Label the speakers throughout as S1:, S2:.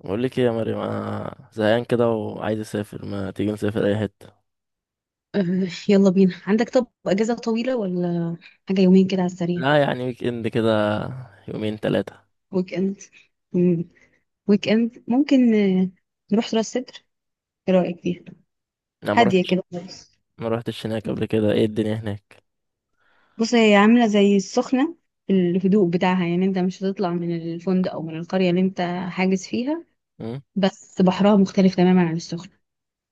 S1: بقول لك ايه يا مريم، انا زهقان كده وعايز اسافر. ما تيجي نسافر اي حته؟
S2: أه، يلا بينا. عندك طب اجازه طويله ولا حاجه؟ يومين كده على السريع.
S1: لا، يعني ويك اند كده، يومين ثلاثه.
S2: ويك اند. مم. ويك اند ممكن نروح راس سدر. ايه رايك فيها؟
S1: انا ما
S2: هاديه
S1: رحتش،
S2: كده خالص.
S1: ما رحتش هناك قبل كده. ايه الدنيا هناك؟
S2: بص، هي عامله زي السخنه في الهدوء بتاعها، يعني انت مش هتطلع من الفندق او من القريه اللي انت حاجز فيها.
S1: مم؟
S2: بس بحرها مختلف تماما عن السخنه.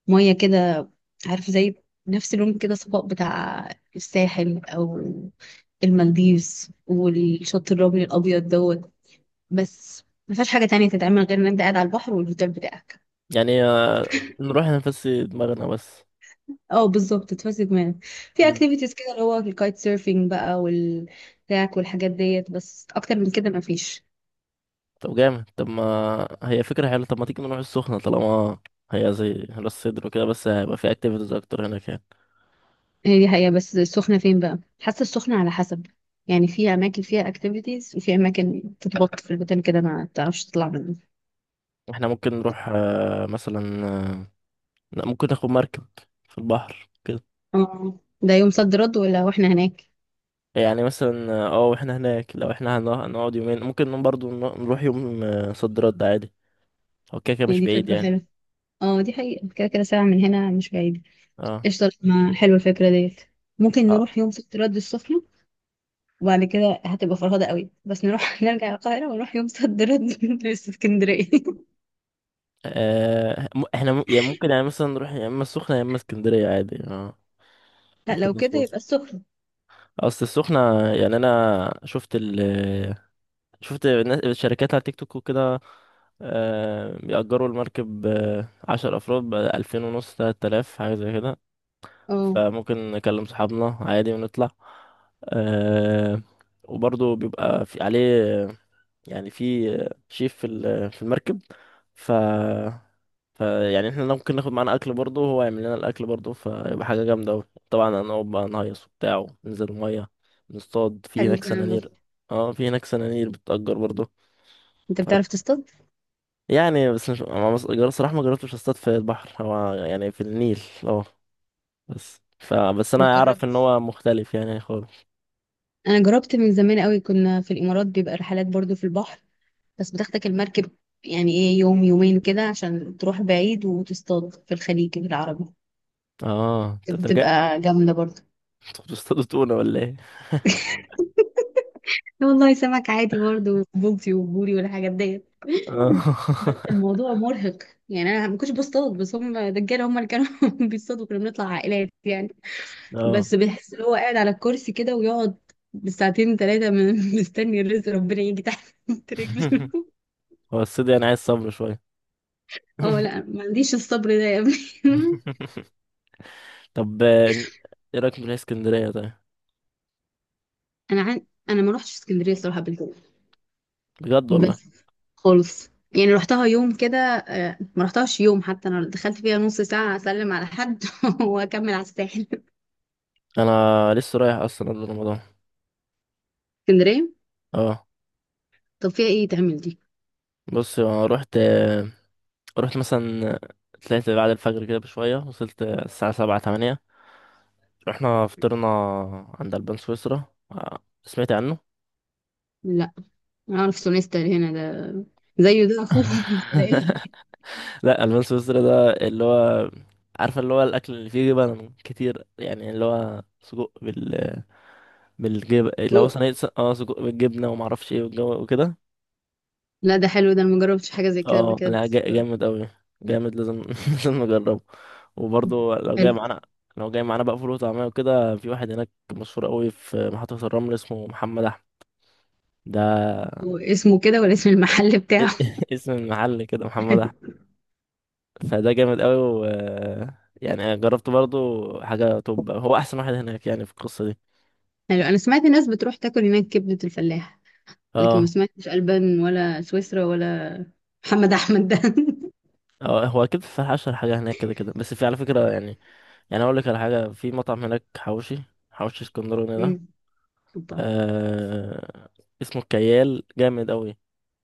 S2: ميه كده، عارف، زي نفس اللون كده، صفاء بتاع الساحل او المالديفز والشط الرملي الابيض دوت. بس ما فيهاش حاجة تانية تتعمل غير ان انت قاعد على البحر والهوتيل بتاعك.
S1: يعني نروح نفسي دماغنا بس.
S2: اه بالظبط، تفسد دماغك. في
S1: مم.
S2: اكتيفيتيز كده اللي هو الكايت سيرفينج بقى والكاك والحاجات ديت، بس اكتر من كده ما فيش.
S1: طب جامد. طب ما هي فكره حلوه. طب ما تيجي نروح السخنه طالما هي زي راس سدر وكده، بس هيبقى في اكتيفيتيز اكتر هناك يعني.
S2: هي دي حقيقة، بس السخنة فين بقى؟ حاسة السخنة على حسب، يعني في اماكن فيها اكتيفيتيز وفي اماكن تتبط في المكان كده ما بتعرفش تطلع منه.
S1: احنا ممكن نروح مثلا لا، ممكن ناخد مركب في البحر.
S2: اه، ده يوم صد رد ولا واحنا هناك؟
S1: يعني مثلا واحنا هناك، لو احنا هنقعد يومين ممكن نقوم برضو نروح يوم صد رد عادي. هو كده كده
S2: هي
S1: مش
S2: دي
S1: بعيد
S2: فكرة
S1: يعني.
S2: حلوة. اه دي حقيقة، كده كده ساعة من هنا مش بعيد.
S1: اه،
S2: قشطة، ما حلوة الفكرة ديت. ممكن
S1: اه.
S2: نروح يوم صد رد السخنة. وبعد كده هتبقى فرهدة قوي، بس نروح نرجع القاهرة ونروح يوم صد رد لاسكندرية.
S1: احنا يعني ممكن، يعني مثلا نروح يا اما السخنة يا اما اسكندرية عادي، اه.
S2: لا
S1: ممكن
S2: لو كده يبقى
S1: نظبط.
S2: السخنة.
S1: اصل السخنة، يعني انا شفت الشركات على تيك توك وكده. بيأجروا المركب 10 أفراد بـ2500 3 آلاف حاجة زي كده.
S2: اه.
S1: فممكن نكلم صحابنا عادي ونطلع آه وبرضه بيبقى في عليه، يعني في شيف في المركب. ف ف يعني احنا ممكن ناخد معانا اكل برضه، هو يعمل لنا الاكل برضه، فيبقى حاجه جامده أوي. طبعا هنقعد بقى نهيص وبتاع، وننزل الميه، نصطاد في
S2: حلو
S1: هناك
S2: الكلام ده.
S1: سنانير. اه، في هناك سنانير بتأجر برضه.
S2: انت
S1: ف...
S2: بتعرف تصطاد؟
S1: يعني بس، مش أنا صراحه ما جربتش اصطاد في البحر. هو يعني في النيل، اه. بس
S2: ما
S1: انا اعرف ان
S2: جربت.
S1: هو مختلف يعني خالص.
S2: انا جربت من زمان قوي، كنا في الامارات بيبقى رحلات برضو في البحر. بس بتاخدك المركب يعني ايه يوم يومين كده عشان تروح بعيد وتصطاد في الخليج العربي.
S1: اه، طب ده جاء.
S2: بتبقى جامدة برضو.
S1: انتوا بتصطادوا تونة ولا ايه؟
S2: لا والله، سمك عادي برضو، بولتي وبوري والحاجات ديت.
S1: اه.
S2: بس الموضوع مرهق، يعني انا ما كنتش بصطاد، بس هم دجاله هم اللي كانوا بيصطادوا. كنا بنطلع عائلات يعني.
S1: اه.
S2: بس بيحس ان هو قاعد على الكرسي كده، ويقعد بالساعتين ثلاثه من مستني الرزق ربنا يجي تحت رجله.
S1: هو الصيد يعني عايز صبر شوية.
S2: اه لا، ما عنديش الصبر ده يا ابني.
S1: طب، ايه رأيك نروح اسكندرية طيب؟
S2: انا ما روحتش اسكندريه الصراحه قبل كده،
S1: بجد والله.
S2: بس خالص. يعني رحتها يوم كده، ما رحتهاش يوم، حتى انا دخلت فيها نص ساعه اسلم على حد واكمل على الساحل.
S1: انا لسه رايح اصلا قبل رمضان،
S2: اسكندريه.
S1: اه.
S2: طب فيها ايه تعمل دي؟
S1: بص، انا رحت مثلا. طلعت بعد الفجر كده بشوية، وصلت الساعة سبعة تمانية. رحنا فطرنا عند البان سويسرا. سمعت عنه؟
S2: لا، اعرف سونيستر هنا ده، زيه ده اخوه ولا ايه.
S1: لا، البان سويسرا ده اللي هو، عارفه، اللي هو الاكل اللي فيه جبن كتير، يعني اللي هو سجق بالجبن، اللي
S2: جو.
S1: هو صينيه سجق بالجبنه وما اعرفش ايه، والجو وكده.
S2: لا ده حلو ده، انا مجربتش حاجه زي كده قبل
S1: اه،
S2: كده،
S1: لا
S2: بس
S1: جامد قوي. جامد لازم، لازم نجربه. وبرضه لو جاي
S2: حلو.
S1: معانا لو جاي معانا بقى فول وطعميه وكده، في واحد هناك مشهور قوي في محطه الرمل اسمه محمد احمد، ده.
S2: واسمه كده ولا اسم المحل بتاعه؟
S1: اسم المحل كده محمد أحمد. فده جامد قوي، و يعني انا جربت برضو حاجه. طب هو احسن واحد هناك يعني، في القصه دي.
S2: حلو، انا سمعت ناس بتروح تاكل هناك كبده الفلاح، لكن ما
S1: اه،
S2: سمعتش البان ولا سويسرا ولا محمد احمد ده.
S1: اه، هو اكيد في اشهر حاجه هناك كده كده، بس في على فكره يعني. يعني اقول لك على حاجه، في مطعم هناك حواوشي. حواوشي اسكندراني ده،
S2: أمم، طب.
S1: آه اسمه الكيال، جامد قوي.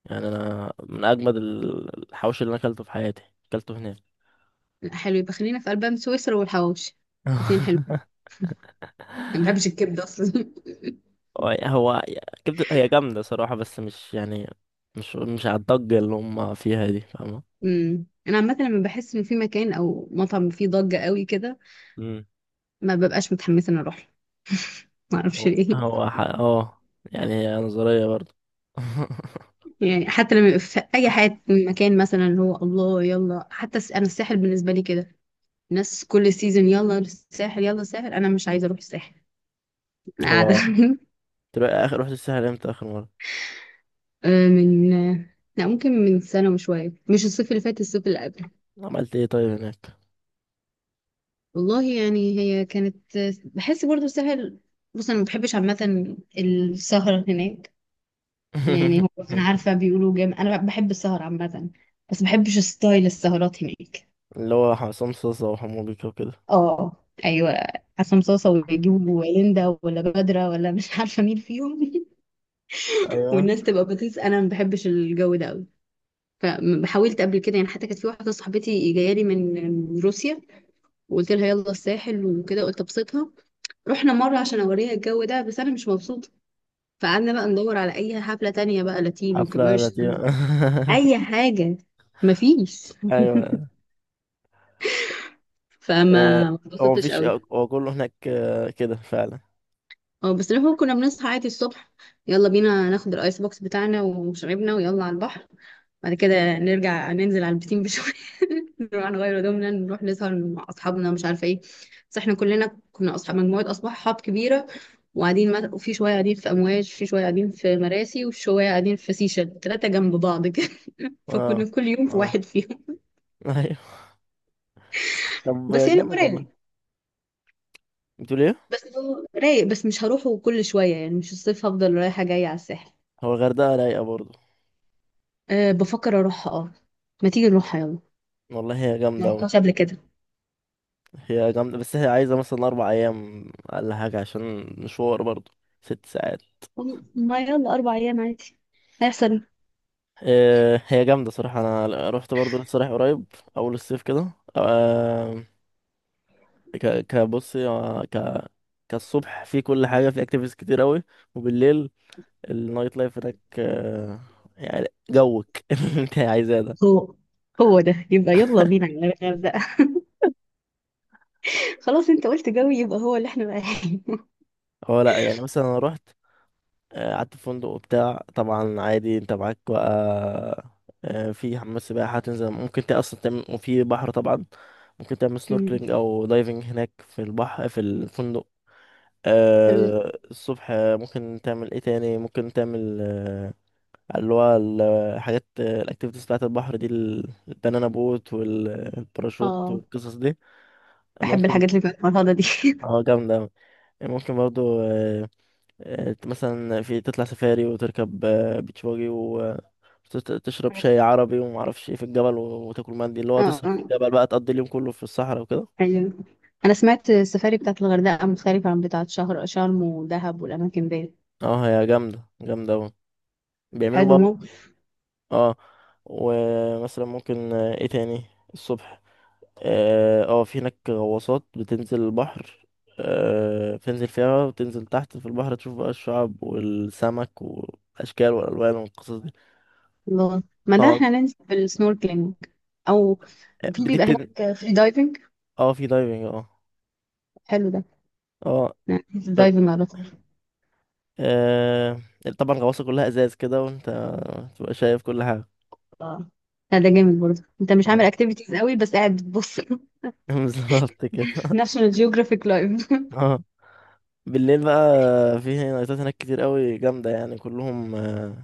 S1: يعني انا من اجمد الحواوشي اللي انا اكلته في حياتي. اكلته هناك.
S2: لا حلو، يبقى خلينا في البان سويسرا والحواوشي، الاثنين حلو. أنا ما بحبش الكبده اصلا.
S1: هو كبده، هي جامده صراحه، بس مش يعني، مش على الضجه اللي هم فيها دي، فاهمه.
S2: انا عامه لما بحس ان في مكان او مطعم فيه ضجه قوي كده، ما ببقاش متحمسه ان اروح له. ما اعرفش
S1: هو
S2: ليه.
S1: هو ح... اه يعني هي نظرية برضه.
S2: يعني حتى لما يبقى في اي حاجه مكان، مثلا اللي هو الله يلا، حتى الس-، انا الساحل بالنسبه لي كده، الناس كل سيزون يلا الساحل يلا الساحل، انا مش عايزه اروح الساحل. انا قاعده.
S1: هو، تبقى اخر رحت الساحل امتى، اخر مرة؟
S2: آه، من آه، لا ممكن من سنه وشويه، مش الصيف اللي فات، الصيف اللي قبله.
S1: عملت ايه طيب هناك؟
S2: والله يعني هي كانت، بحس برضو الساحل. بص انا ما بحبش عامه السهره هناك. يعني هو انا عارفه بيقولوا جامد، انا بحب السهر عامه، بس ما بحبش ستايل السهرات هناك.
S1: اللي هو حسام صوصة وحمو بيكا وكده.
S2: اه ايوه، حسام صاصه ويجيبوا ليندا ولا بدرة ولا مش عارفه مين فيهم.
S1: ايوه،
S2: والناس تبقى بتنسى انا ما بحبش الجو ده قوي. فحاولت قبل كده، يعني حتى كانت في واحده صاحبتي جايه لي من روسيا، وقلت لها يلا الساحل وكده، قلت ابسطها. رحنا مره عشان اوريها الجو ده، بس انا مش مبسوطه. فقعدنا بقى ندور على اي حفله تانية بقى، لاتينو،
S1: حفلة
S2: كوميرشال،
S1: لطيفة.
S2: اي حاجه. مفيش.
S1: ايوه.
S2: فما
S1: آه،
S2: ما
S1: هو
S2: اتبسطتش
S1: مفيش،
S2: قوي.
S1: هو كله هناك كده فعلا.
S2: اه. بس احنا كنا بنصحى عادي الصبح، يلا بينا ناخد الايس بوكس بتاعنا ومشاربنا ويلا على البحر. بعد كده نرجع ننزل على البسين بشوية. نروح نغير هدومنا، نروح نسهر مع اصحابنا، مش عارفه ايه. بس احنا كلنا كنا اصحاب، مجموعه اصحاب كبيره، وفي شويه قاعدين في امواج، في شويه قاعدين في مراسي، وشويه قاعدين في سيشل، ثلاثه جنب بعض كده.
S1: اه،
S2: فكنا كل يوم في
S1: اه.
S2: واحد فيهم.
S1: ايوه. طب
S2: بس يعني هو
S1: جامد والله.
S2: رايق.
S1: بتقول ايه؟
S2: بس هو رايق بس مش هروحه كل شويه يعني، مش الصيف هفضل رايحه جايه على الساحل.
S1: هو الغردقة رايقة برضه.
S2: أه بفكر اروحها اه. ما تيجي نروحها يلا.
S1: والله هي
S2: ما
S1: جامدة أوي.
S2: رحتهاش قبل كده.
S1: هي جامدة، بس هي عايزة مثلا 4 أيام أقل حاجة، عشان مشوار برضو 6 ساعات.
S2: ما يلا اربع ايام عادي، هيحصل.
S1: هي جامدة صراحة. أنا رحت برضو لسه رايح قريب، أول الصيف كده، كبصي كالصبح في كل حاجة، في اكتيفيتيز كتير أوي. وبالليل، النايت لايف هناك يعني جوك، اللي انت عايزاه ده.
S2: هو هو ده يبقى، يلا بينا على الغردقة. خلاص، انت قلت جوي يبقى هو اللي احنا رايحين.
S1: هو لا، يعني مثلا انا رحت، قعدت في فندق وبتاع طبعا عادي. انت معاك بقى في حمام سباحة هتنزل، ممكن انت اصلا تعمل، وفي بحر طبعا ممكن تعمل
S2: أمم،
S1: سنوركلينج او دايفنج هناك في البحر في الفندق.
S2: حلو ده.
S1: الصبح ممكن تعمل ايه تاني، ممكن تعمل اللي هو الحاجات الاكتيفيتيز بتاعت البحر دي، البنانا بوت والباراشوت
S2: اه،
S1: والقصص دي
S2: بحب
S1: ممكن.
S2: الحاجات اللي فيها الفرهدة دي.
S1: اه، جامدة أوي. ممكن برضو مثلا في تطلع سفاري، وتركب بيتش باجي، وتشرب شاي عربي ومعرفش ايه في الجبل، و- وتاكل مندي، اللي هو
S2: اه
S1: تسهر في
S2: اه
S1: الجبل بقى، تقضي اليوم كله في الصحراء وكده.
S2: ايوه، انا سمعت السفاري بتاعت الغردقة مختلفة عن بتاعت شهر شرم ودهب والاماكن دي.
S1: اه، هي جامدة جامدة اوي. بيعملوا
S2: حلو
S1: بقى،
S2: مو.
S1: اه. ومثلا ممكن ايه تاني الصبح، في هناك غواصات بتنزل البحر. بتنزل فيها، وتنزل تحت في البحر تشوف بقى الشعاب والسمك والأشكال والألوان والقصص دي.
S2: الله، ما ده
S1: اه.
S2: احنا ننزل بالسنوركلينج، او في
S1: دي
S2: بيبقى
S1: بتن
S2: هناك فري دايفنج.
S1: اه في دايفنج، اه.
S2: حلو ده.
S1: اه.
S2: دايفنج على طول.
S1: آه... طبعا الغواصة كلها ازاز كده، وانت تبقى شايف كل حاجة.
S2: اه لا، ده جامد برضه، انت مش عامل
S1: اه.
S2: اكتيفيتيز قوي بس قاعد بتبص.
S1: بالظبط كده،
S2: ناشونال جيوغرافيك لايف.
S1: اه. بالليل بقى، في نايتات هناك كتير قوي جامدة، يعني كلهم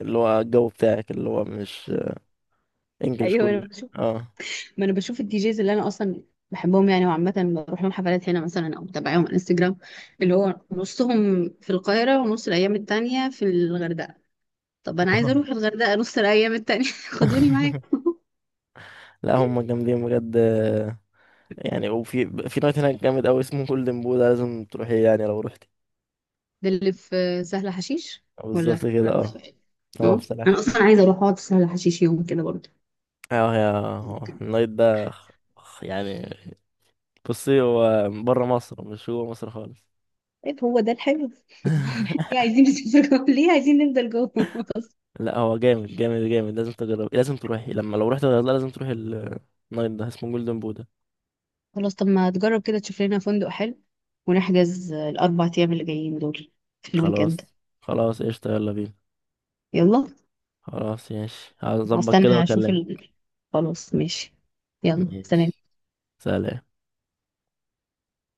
S1: اللي هو الجو بتاعك، اللي هو مش انجلش
S2: ايوه انا
S1: كله.
S2: بشوف.
S1: اه،
S2: ما انا بشوف الدي جيز اللي انا اصلا بحبهم يعني، وعامة بروح لهم حفلات هنا مثلا او بتابعهم على انستجرام، اللي هو نصهم في القاهرة ونص الايام التانية في الغردقة. طب انا عايزة
S1: آه.
S2: اروح الغردقة نص الايام التانية، خدوني معاك.
S1: لا هم جامدين بجد، يعني وفي نايت هناك جامد قوي اسمه جولدن بو، ده لازم تروحيه يعني لو رحتي.
S2: ده اللي في سهل حشيش ولا
S1: بالظبط كده، اه.
S2: الغردقة.
S1: اه،
S2: اه
S1: بصراحة.
S2: انا اصلا عايزة اروح اقعد في سهل حشيش يوم كده برضه.
S1: اه يا، هو النايت ده، يعني بصي، هو بره مصر، مش هو مصر خالص.
S2: طيب هو ده الحلو، ليه عايزين نسافر جوه؟ ليه عايزين نفضل جوه؟ بس.
S1: لا هو جامد جامد جامد، لازم تجربي. لازم تروحي لما، لو رحت الغردقة لازم تروحي النايت ده اسمه جولدن بودا.
S2: خلاص طب ما تجرب كده تشوف لنا فندق حلو، ونحجز الأربع أيام اللي جايين دول في الويك إند.
S1: خلاص. خلاص، قشطة، يلا بينا.
S2: يلا.
S1: خلاص، ماشي، هظبط كده
S2: هستنى أشوف
S1: واكلمك.
S2: ال... خلاص ماشي. يلا سلام.
S1: ماشي، سلام.